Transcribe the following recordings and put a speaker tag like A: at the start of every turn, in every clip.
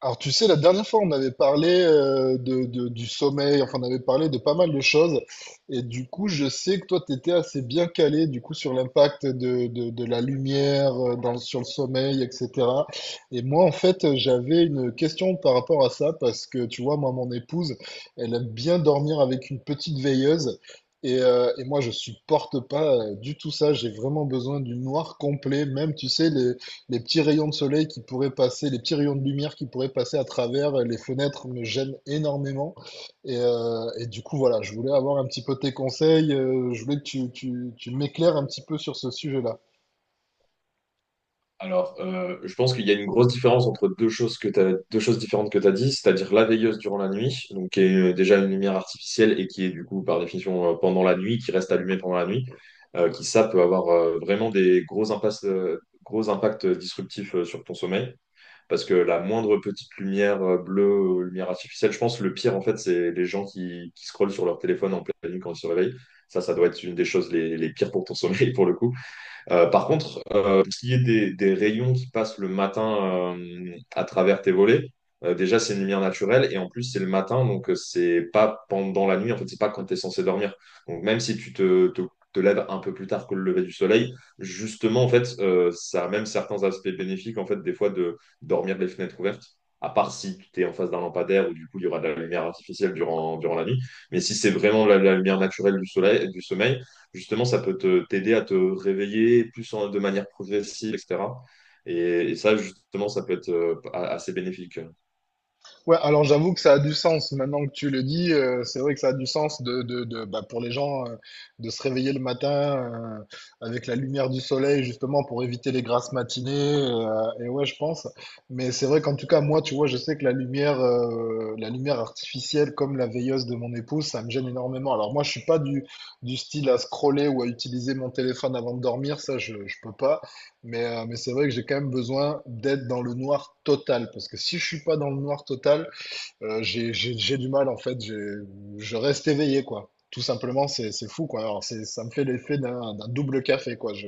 A: Alors, tu sais, la dernière fois, on avait parlé du sommeil, enfin, on avait parlé de pas mal de choses. Et du coup, je sais que toi, tu étais assez bien calé, du coup, sur l'impact de la lumière dans, sur le sommeil, etc. Et moi, en fait, j'avais une question par rapport à ça, parce que, tu vois, moi, mon épouse, elle aime bien dormir avec une petite veilleuse. Et moi, je supporte pas du tout ça. J'ai vraiment besoin du noir complet. Même, tu sais, les petits rayons de soleil qui pourraient passer, les petits rayons de lumière qui pourraient passer à travers les fenêtres me gênent énormément. Et du coup, voilà, je voulais avoir un petit peu tes conseils. Je voulais que tu m'éclaires un petit peu sur ce sujet-là.
B: Je pense qu'il y a une grosse différence entre deux choses que t'as, deux choses différentes que tu as dit, c'est-à-dire la veilleuse durant la nuit, donc qui est déjà une lumière artificielle et qui est du coup par définition pendant la nuit, qui reste allumée pendant la nuit, qui ça peut avoir vraiment des gros impacts disruptifs sur ton sommeil, parce que la moindre petite lumière bleue, ou lumière artificielle, je pense que le pire en fait, c'est les gens qui scrollent sur leur téléphone en pleine nuit quand ils se réveillent. Ça doit être une des choses les pires pour ton sommeil pour le coup. Par contre, pour ce qui est des rayons qui passent le matin à travers tes volets, déjà c'est une lumière naturelle et en plus c'est le matin, donc c'est pas pendant la nuit, en fait c'est pas quand tu es censé dormir. Donc même si te lèves un peu plus tard que le lever du soleil, justement en fait ça a même certains aspects bénéfiques en fait des fois de dormir les fenêtres ouvertes. À part si tu es en face d'un lampadaire où du coup il y aura de la lumière artificielle durant la nuit. Mais si c'est vraiment la lumière naturelle du soleil, du sommeil, justement, ça peut te t'aider à te réveiller plus de manière progressive, etc. Et, et ça, justement, ça peut être assez bénéfique.
A: Ouais, alors j'avoue que ça a du sens. Maintenant que tu le dis, c'est vrai que ça a du sens bah, pour les gens de se réveiller le matin avec la lumière du soleil, justement pour éviter les grasses matinées. Et ouais, je pense. Mais c'est vrai qu'en tout cas, moi, tu vois, je sais que la lumière artificielle, comme la veilleuse de mon épouse, ça me gêne énormément. Alors moi, je suis pas du style à scroller ou à utiliser mon téléphone avant de dormir. Ça, je peux pas. Mais c'est vrai que j'ai quand même besoin d'être dans le noir total. Parce que si je suis pas dans le noir total, j'ai du mal en fait, je reste éveillé quoi. Tout simplement, c'est fou quoi. Alors, ça me fait l'effet d'un double café quoi.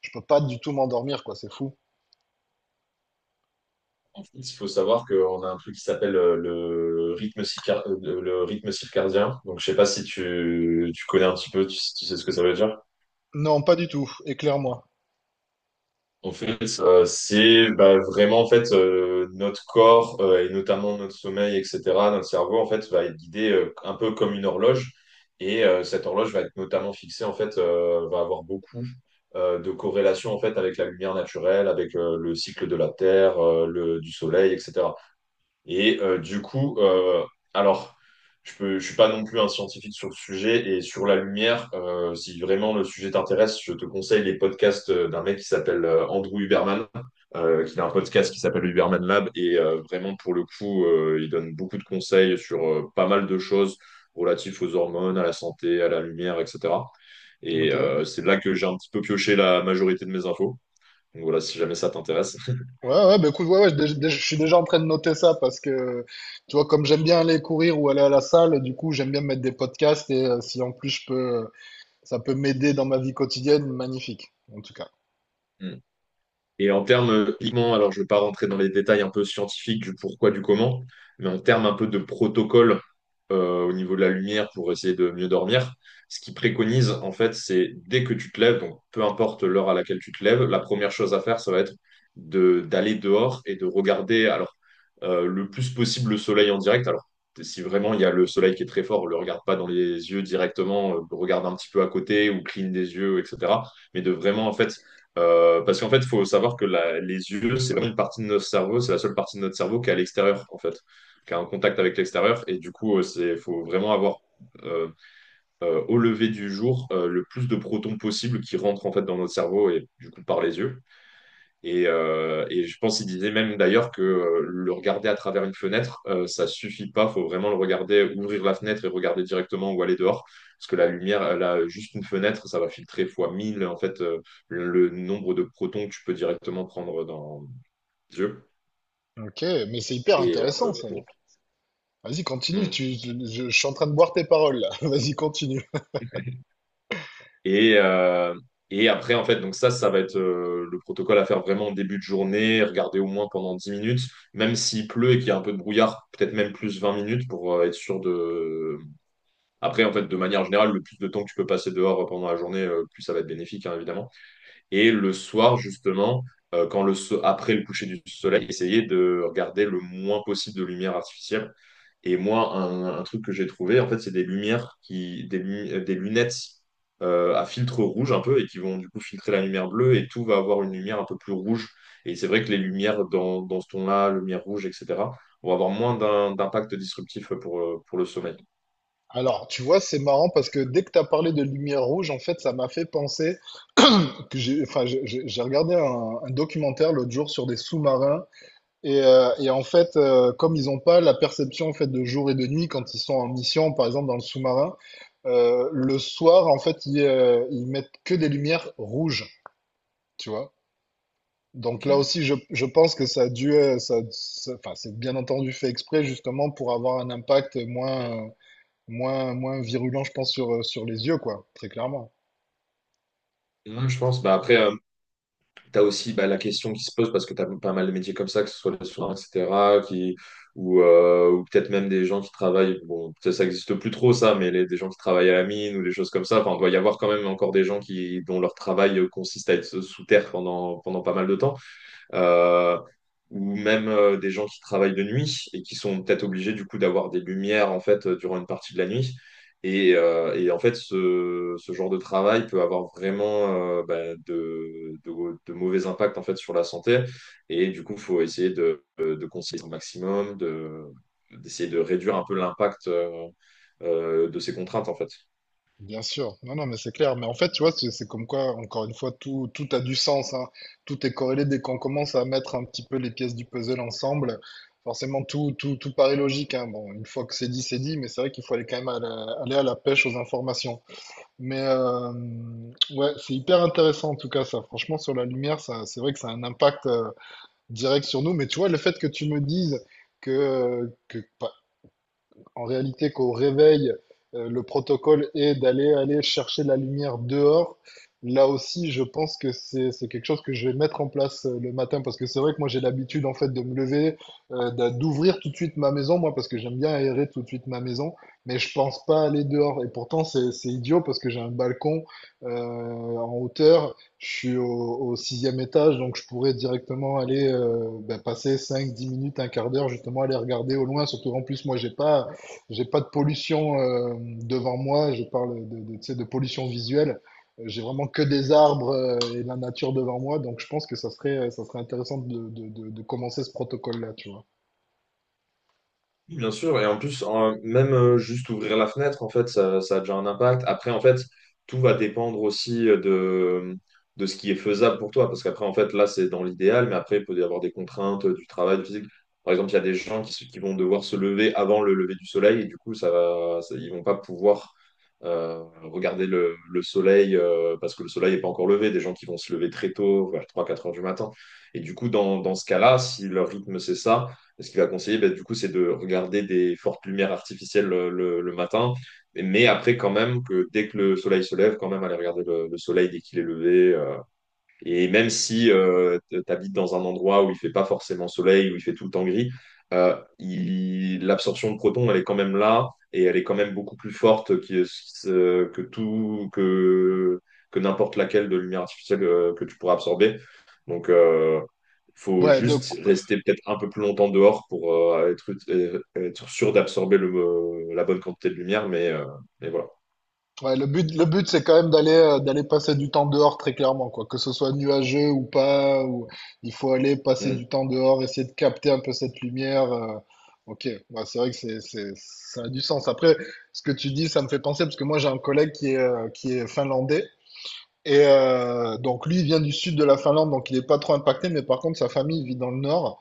A: Je peux pas du tout m'endormir quoi, c'est fou.
B: En fait, il faut savoir qu'on a un truc qui s'appelle le rythme circadien. Donc, je sais pas si tu connais un petit peu, tu sais ce que ça veut dire.
A: Non, pas du tout, éclaire-moi.
B: C'est vraiment en fait notre corps et notamment notre sommeil, etc. Notre cerveau en fait va être guidé un peu comme une horloge et cette horloge va être notamment fixée en fait va avoir beaucoup de corrélations en fait avec la lumière naturelle, avec le cycle de la Terre, le du Soleil, etc. Et alors, je suis pas non plus un scientifique sur le sujet et sur la lumière. Si vraiment le sujet t'intéresse, je te conseille les podcasts d'un mec qui s'appelle Andrew Huberman, qui a un podcast qui s'appelle Huberman Lab. Et vraiment, pour le coup, il donne beaucoup de conseils sur pas mal de choses relatives aux hormones, à la santé, à la lumière, etc. Et
A: Ok.
B: c'est là que j'ai un petit peu pioché la majorité de mes infos. Donc voilà, si jamais ça t'intéresse.
A: Ouais, ouais, bah écoute, ouais, ouais, je suis déjà en train de noter ça parce que, tu vois, comme j'aime bien aller courir ou aller à la salle, du coup, j'aime bien mettre des podcasts et si en plus je peux, ça peut m'aider dans ma vie quotidienne, magnifique, en tout cas.
B: Et en termes, uniquement, alors je ne vais pas rentrer dans les détails un peu scientifiques du pourquoi, du comment, mais en termes un peu de protocole au niveau de la lumière pour essayer de mieux dormir, ce qu'ils préconisent, en fait, c'est dès que tu te lèves, donc peu importe l'heure à laquelle tu te lèves, la première chose à faire, ça va être d'aller dehors et de regarder le plus possible le soleil en direct. Alors, si vraiment il y a le soleil qui est très fort, ne le regarde pas dans les yeux directement, regarde un petit peu à côté ou cligne des yeux, etc. Mais de vraiment, en fait, parce qu'en fait, il faut savoir que les yeux, c'est vraiment une partie de notre cerveau, c'est la seule partie de notre cerveau qui est à l'extérieur, en fait, qui a un contact avec l'extérieur. Et du coup, c'est, faut vraiment avoir euh, au lever du jour le plus de protons possible qui rentrent en fait dans notre cerveau et du coup par les yeux. Et je pense qu'il disait même d'ailleurs que le regarder à travers une fenêtre, ça suffit pas. Faut vraiment le regarder, ouvrir la fenêtre et regarder directement où aller dehors. Parce que la lumière, elle a juste une fenêtre, ça va filtrer fois 1000 en fait le nombre de protons que tu peux directement prendre dans les yeux.
A: Ok, mais c'est hyper
B: Et, euh,
A: intéressant ça.
B: pour-
A: Vas-y, continue,
B: Mm.
A: je suis en train de boire tes paroles là. Vas-y, continue.
B: et, euh, et après, en fait, donc ça va être le protocole à faire vraiment en début de journée, regarder au moins pendant 10 minutes, même s'il pleut et qu'il y a un peu de brouillard, peut-être même plus 20 minutes pour être sûr de. Après, en fait, de manière générale, le plus de temps que tu peux passer dehors pendant la journée, plus ça va être bénéfique, hein, évidemment. Et le soir, justement, quand après le coucher du soleil, essayer de regarder le moins possible de lumière artificielle. Et moi, un truc que j'ai trouvé, en fait, c'est des lumières des lunettes à filtre rouge un peu et qui vont du coup filtrer la lumière bleue et tout va avoir une lumière un peu plus rouge. Et c'est vrai que les lumières dans ce ton-là, lumière rouge, etc., vont avoir moins d'impact disruptif pour le sommeil.
A: Alors, tu vois, c'est marrant parce que dès que tu as parlé de lumière rouge, en fait, ça m'a fait penser que j'ai, enfin, j'ai regardé un documentaire l'autre jour sur des sous-marins et en fait, comme ils n'ont pas la perception en fait de jour et de nuit quand ils sont en mission, par exemple dans le sous-marin, le soir, en fait, ils mettent que des lumières rouges. Tu vois. Donc là
B: Ok.
A: aussi, je pense que ça a dû, enfin, c'est bien entendu fait exprès justement pour avoir un impact moins virulent, je pense, sur, sur les yeux, quoi, très clairement.
B: Ouais, je pense. Bah, après, tu as aussi bah, la question qui se pose parce que tu as pas mal de métiers comme ça, que ce soit les soins, etc., qui, ou peut-être même des gens qui travaillent. Bon, peut-être ça n'existe plus trop, ça, mais des gens qui travaillent à la mine ou des choses comme ça. Enfin, il doit y avoir quand même encore des gens qui, dont leur travail consiste à être sous terre pendant, pendant pas mal de temps euh, ou même des gens qui travaillent de nuit et qui sont peut-être obligés du coup d'avoir des lumières en fait durant une partie de la nuit. Et en fait, ce genre de travail peut avoir vraiment de mauvais impacts en fait sur la santé. Et du coup, il faut essayer de conseiller au maximum, d'essayer de réduire un peu l'impact de ces contraintes en fait.
A: Bien sûr. Non, non, mais c'est clair. Mais en fait, tu vois, c'est comme quoi, encore une fois, tout a du sens, hein. Tout est corrélé dès qu'on commence à mettre un petit peu les pièces du puzzle ensemble. Forcément, tout paraît logique, hein. Bon, une fois que c'est dit, mais c'est vrai qu'il faut aller quand même aller à la pêche aux informations. Mais ouais, c'est hyper intéressant en tout cas ça. Franchement, sur la lumière, ça, c'est vrai que ça a un impact direct sur nous. Mais tu vois, le fait que tu me dises que en réalité, qu'au réveil, le protocole est d'aller aller chercher la lumière dehors. Là aussi, je pense que c'est quelque chose que je vais mettre en place le matin parce que c'est vrai que moi j'ai l'habitude en fait de me lever, d'ouvrir tout de suite ma maison, moi parce que j'aime bien aérer tout de suite ma maison, mais je pense pas aller dehors. Et pourtant c'est idiot parce que j'ai un balcon euh, en hauteur, je suis au sixième étage, donc je pourrais directement aller ben, passer 5 10 minutes, un quart d'heure justement aller regarder au loin. Surtout en plus moi j'ai pas de pollution devant moi, je parle tu sais, de pollution visuelle. J'ai vraiment que des arbres et de la nature devant moi, donc je pense que ça serait intéressant de commencer ce protocole-là, tu vois.
B: Oui, bien sûr, et en plus, même juste ouvrir la fenêtre, en fait, ça a déjà un impact. Après, en fait, tout va dépendre aussi de ce qui est faisable pour toi, parce qu'après, en fait, là, c'est dans l'idéal, mais après, il peut y avoir des contraintes du travail du physique. Par exemple, il y a des gens qui vont devoir se lever avant le lever du soleil, et du coup, ils vont pas pouvoir regarder le soleil, parce que le soleil n'est pas encore levé. Des gens qui vont se lever très tôt, vers 3, 4 heures du matin. Et du coup, dans ce cas-là, si leur rythme, c'est ça, et ce qu'il va conseiller, bah, du coup, c'est de regarder des fortes lumières artificielles le matin, mais après quand même que dès que le soleil se lève, quand même aller regarder le soleil dès qu'il est levé, et même si tu habites dans un endroit où il fait pas forcément soleil, où il fait tout le temps gris, l'absorption de protons, elle est quand même là et elle est quand même beaucoup plus forte que, que n'importe laquelle de lumière artificielle que tu pourras absorber. Donc, il faut
A: Ouais, donc,
B: juste rester peut-être un peu plus longtemps dehors pour être sûr d'absorber la bonne quantité de lumière, mais voilà.
A: ouais, le but, c'est quand même d'aller, d'aller passer du temps dehors très clairement, quoi. Que ce soit nuageux ou pas, ou il faut aller passer
B: Mm.
A: du temps dehors, essayer de capter un peu cette lumière. Ok, ouais, c'est vrai que ça a du sens. Après, ce que tu dis, ça me fait penser parce que moi, j'ai un collègue qui est finlandais. Et donc lui, il vient du sud de la Finlande, donc il est pas trop impacté, mais par contre, sa famille vit dans le nord.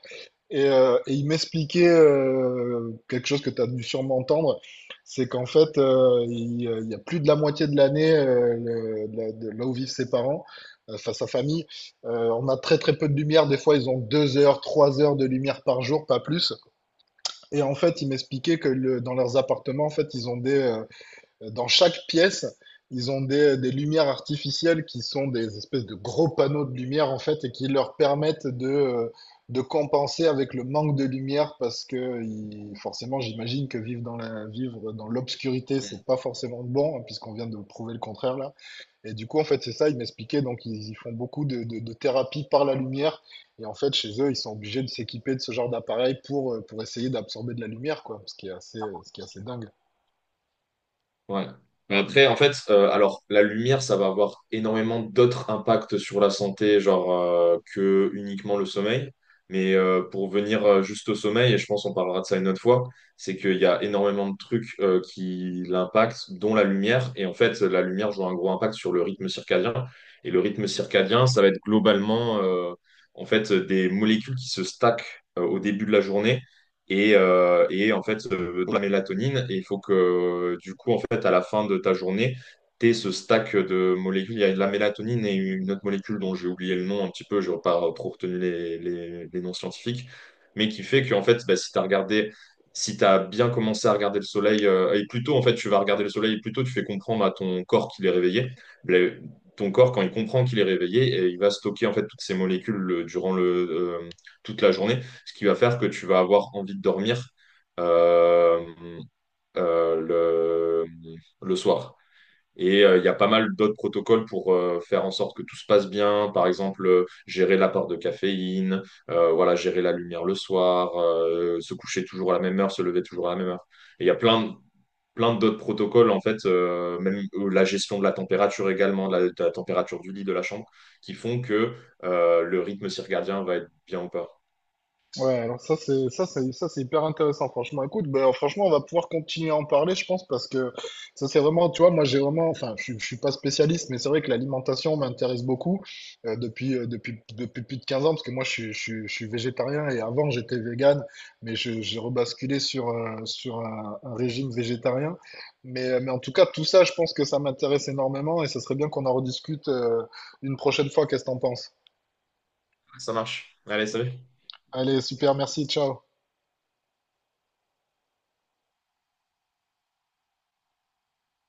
A: Et il m'expliquait quelque chose que tu as dû sûrement entendre, c'est qu'en fait, il y a plus de la moitié de l'année, de là où vivent ses parents, enfin sa famille, on a très très peu de lumière. Des fois, ils ont 2 heures, 3 heures de lumière par jour, pas plus. Et en fait, il m'expliquait dans leurs appartements, en fait, dans chaque pièce, ils ont des lumières artificielles qui sont des espèces de gros panneaux de lumière en fait et qui leur permettent de compenser avec le manque de lumière parce que forcément, j'imagine que vivre vivre dans l'obscurité, c'est pas forcément bon hein, puisqu'on vient de prouver le contraire là. Et du coup, en fait, c'est ça, ils m'expliquaient donc ils font beaucoup de thérapie par la lumière et en fait, chez eux, ils sont obligés de s'équiper de ce genre d'appareil pour essayer d'absorber de la lumière quoi, ce qui est assez dingue.
B: Ouais. Mais après, en fait, alors la lumière, ça va avoir énormément d'autres impacts sur la santé, genre que uniquement le sommeil. Mais pour venir juste au sommeil, et je pense on parlera de ça une autre fois, c'est qu'il y a énormément de trucs qui l'impactent, dont la lumière. Et en fait, la lumière joue un gros impact sur le rythme circadien. Et le rythme circadien, ça va être globalement en fait des molécules qui se stackent au début de la journée et en fait de la mélatonine. Et il faut que du coup, en fait, à la fin de ta journée, tu aies ce stack de molécules. Il y a de la mélatonine et une autre molécule dont j'ai oublié le nom un petit peu, je n'aurais pas trop retenu les noms scientifiques, mais qui fait que en fait, bah, si tu as regardé. Si tu as bien commencé à regarder le soleil, et plutôt en fait tu vas regarder le soleil, et plutôt tu fais comprendre à ton corps qu'il est réveillé. Le- Ton corps, quand il comprend qu'il est réveillé, et il va stocker en fait toutes ces molécules euh, toute la journée, ce qui va faire que tu vas avoir envie de dormir euh, euh, le, le soir. Et il y a pas mal d'autres protocoles pour faire en sorte que tout se passe bien. Par exemple, gérer l'apport de caféine, voilà, gérer la lumière le soir, se coucher toujours à la même heure, se lever toujours à la même heure. Et il y a plein d'autres protocoles, en fait, même la gestion de la température également, de la température du lit, de la chambre, qui font que le rythme circadien va être bien ou pas.
A: Ouais, alors ça c'est hyper intéressant franchement. Écoute, ben franchement on va pouvoir continuer à en parler je pense parce que ça c'est vraiment tu vois moi j'ai vraiment enfin je suis pas spécialiste mais c'est vrai que l'alimentation m'intéresse beaucoup depuis plus de 15 ans parce que moi je suis végétarien et avant j'étais végane mais j'ai rebasculé sur un régime végétarien. Mais en tout cas tout ça je pense que ça m'intéresse énormément et ça serait bien qu'on en rediscute une prochaine fois. Qu'est-ce que t'en penses?
B: Ça marche. Allez, salut.
A: Allez, super, merci, ciao.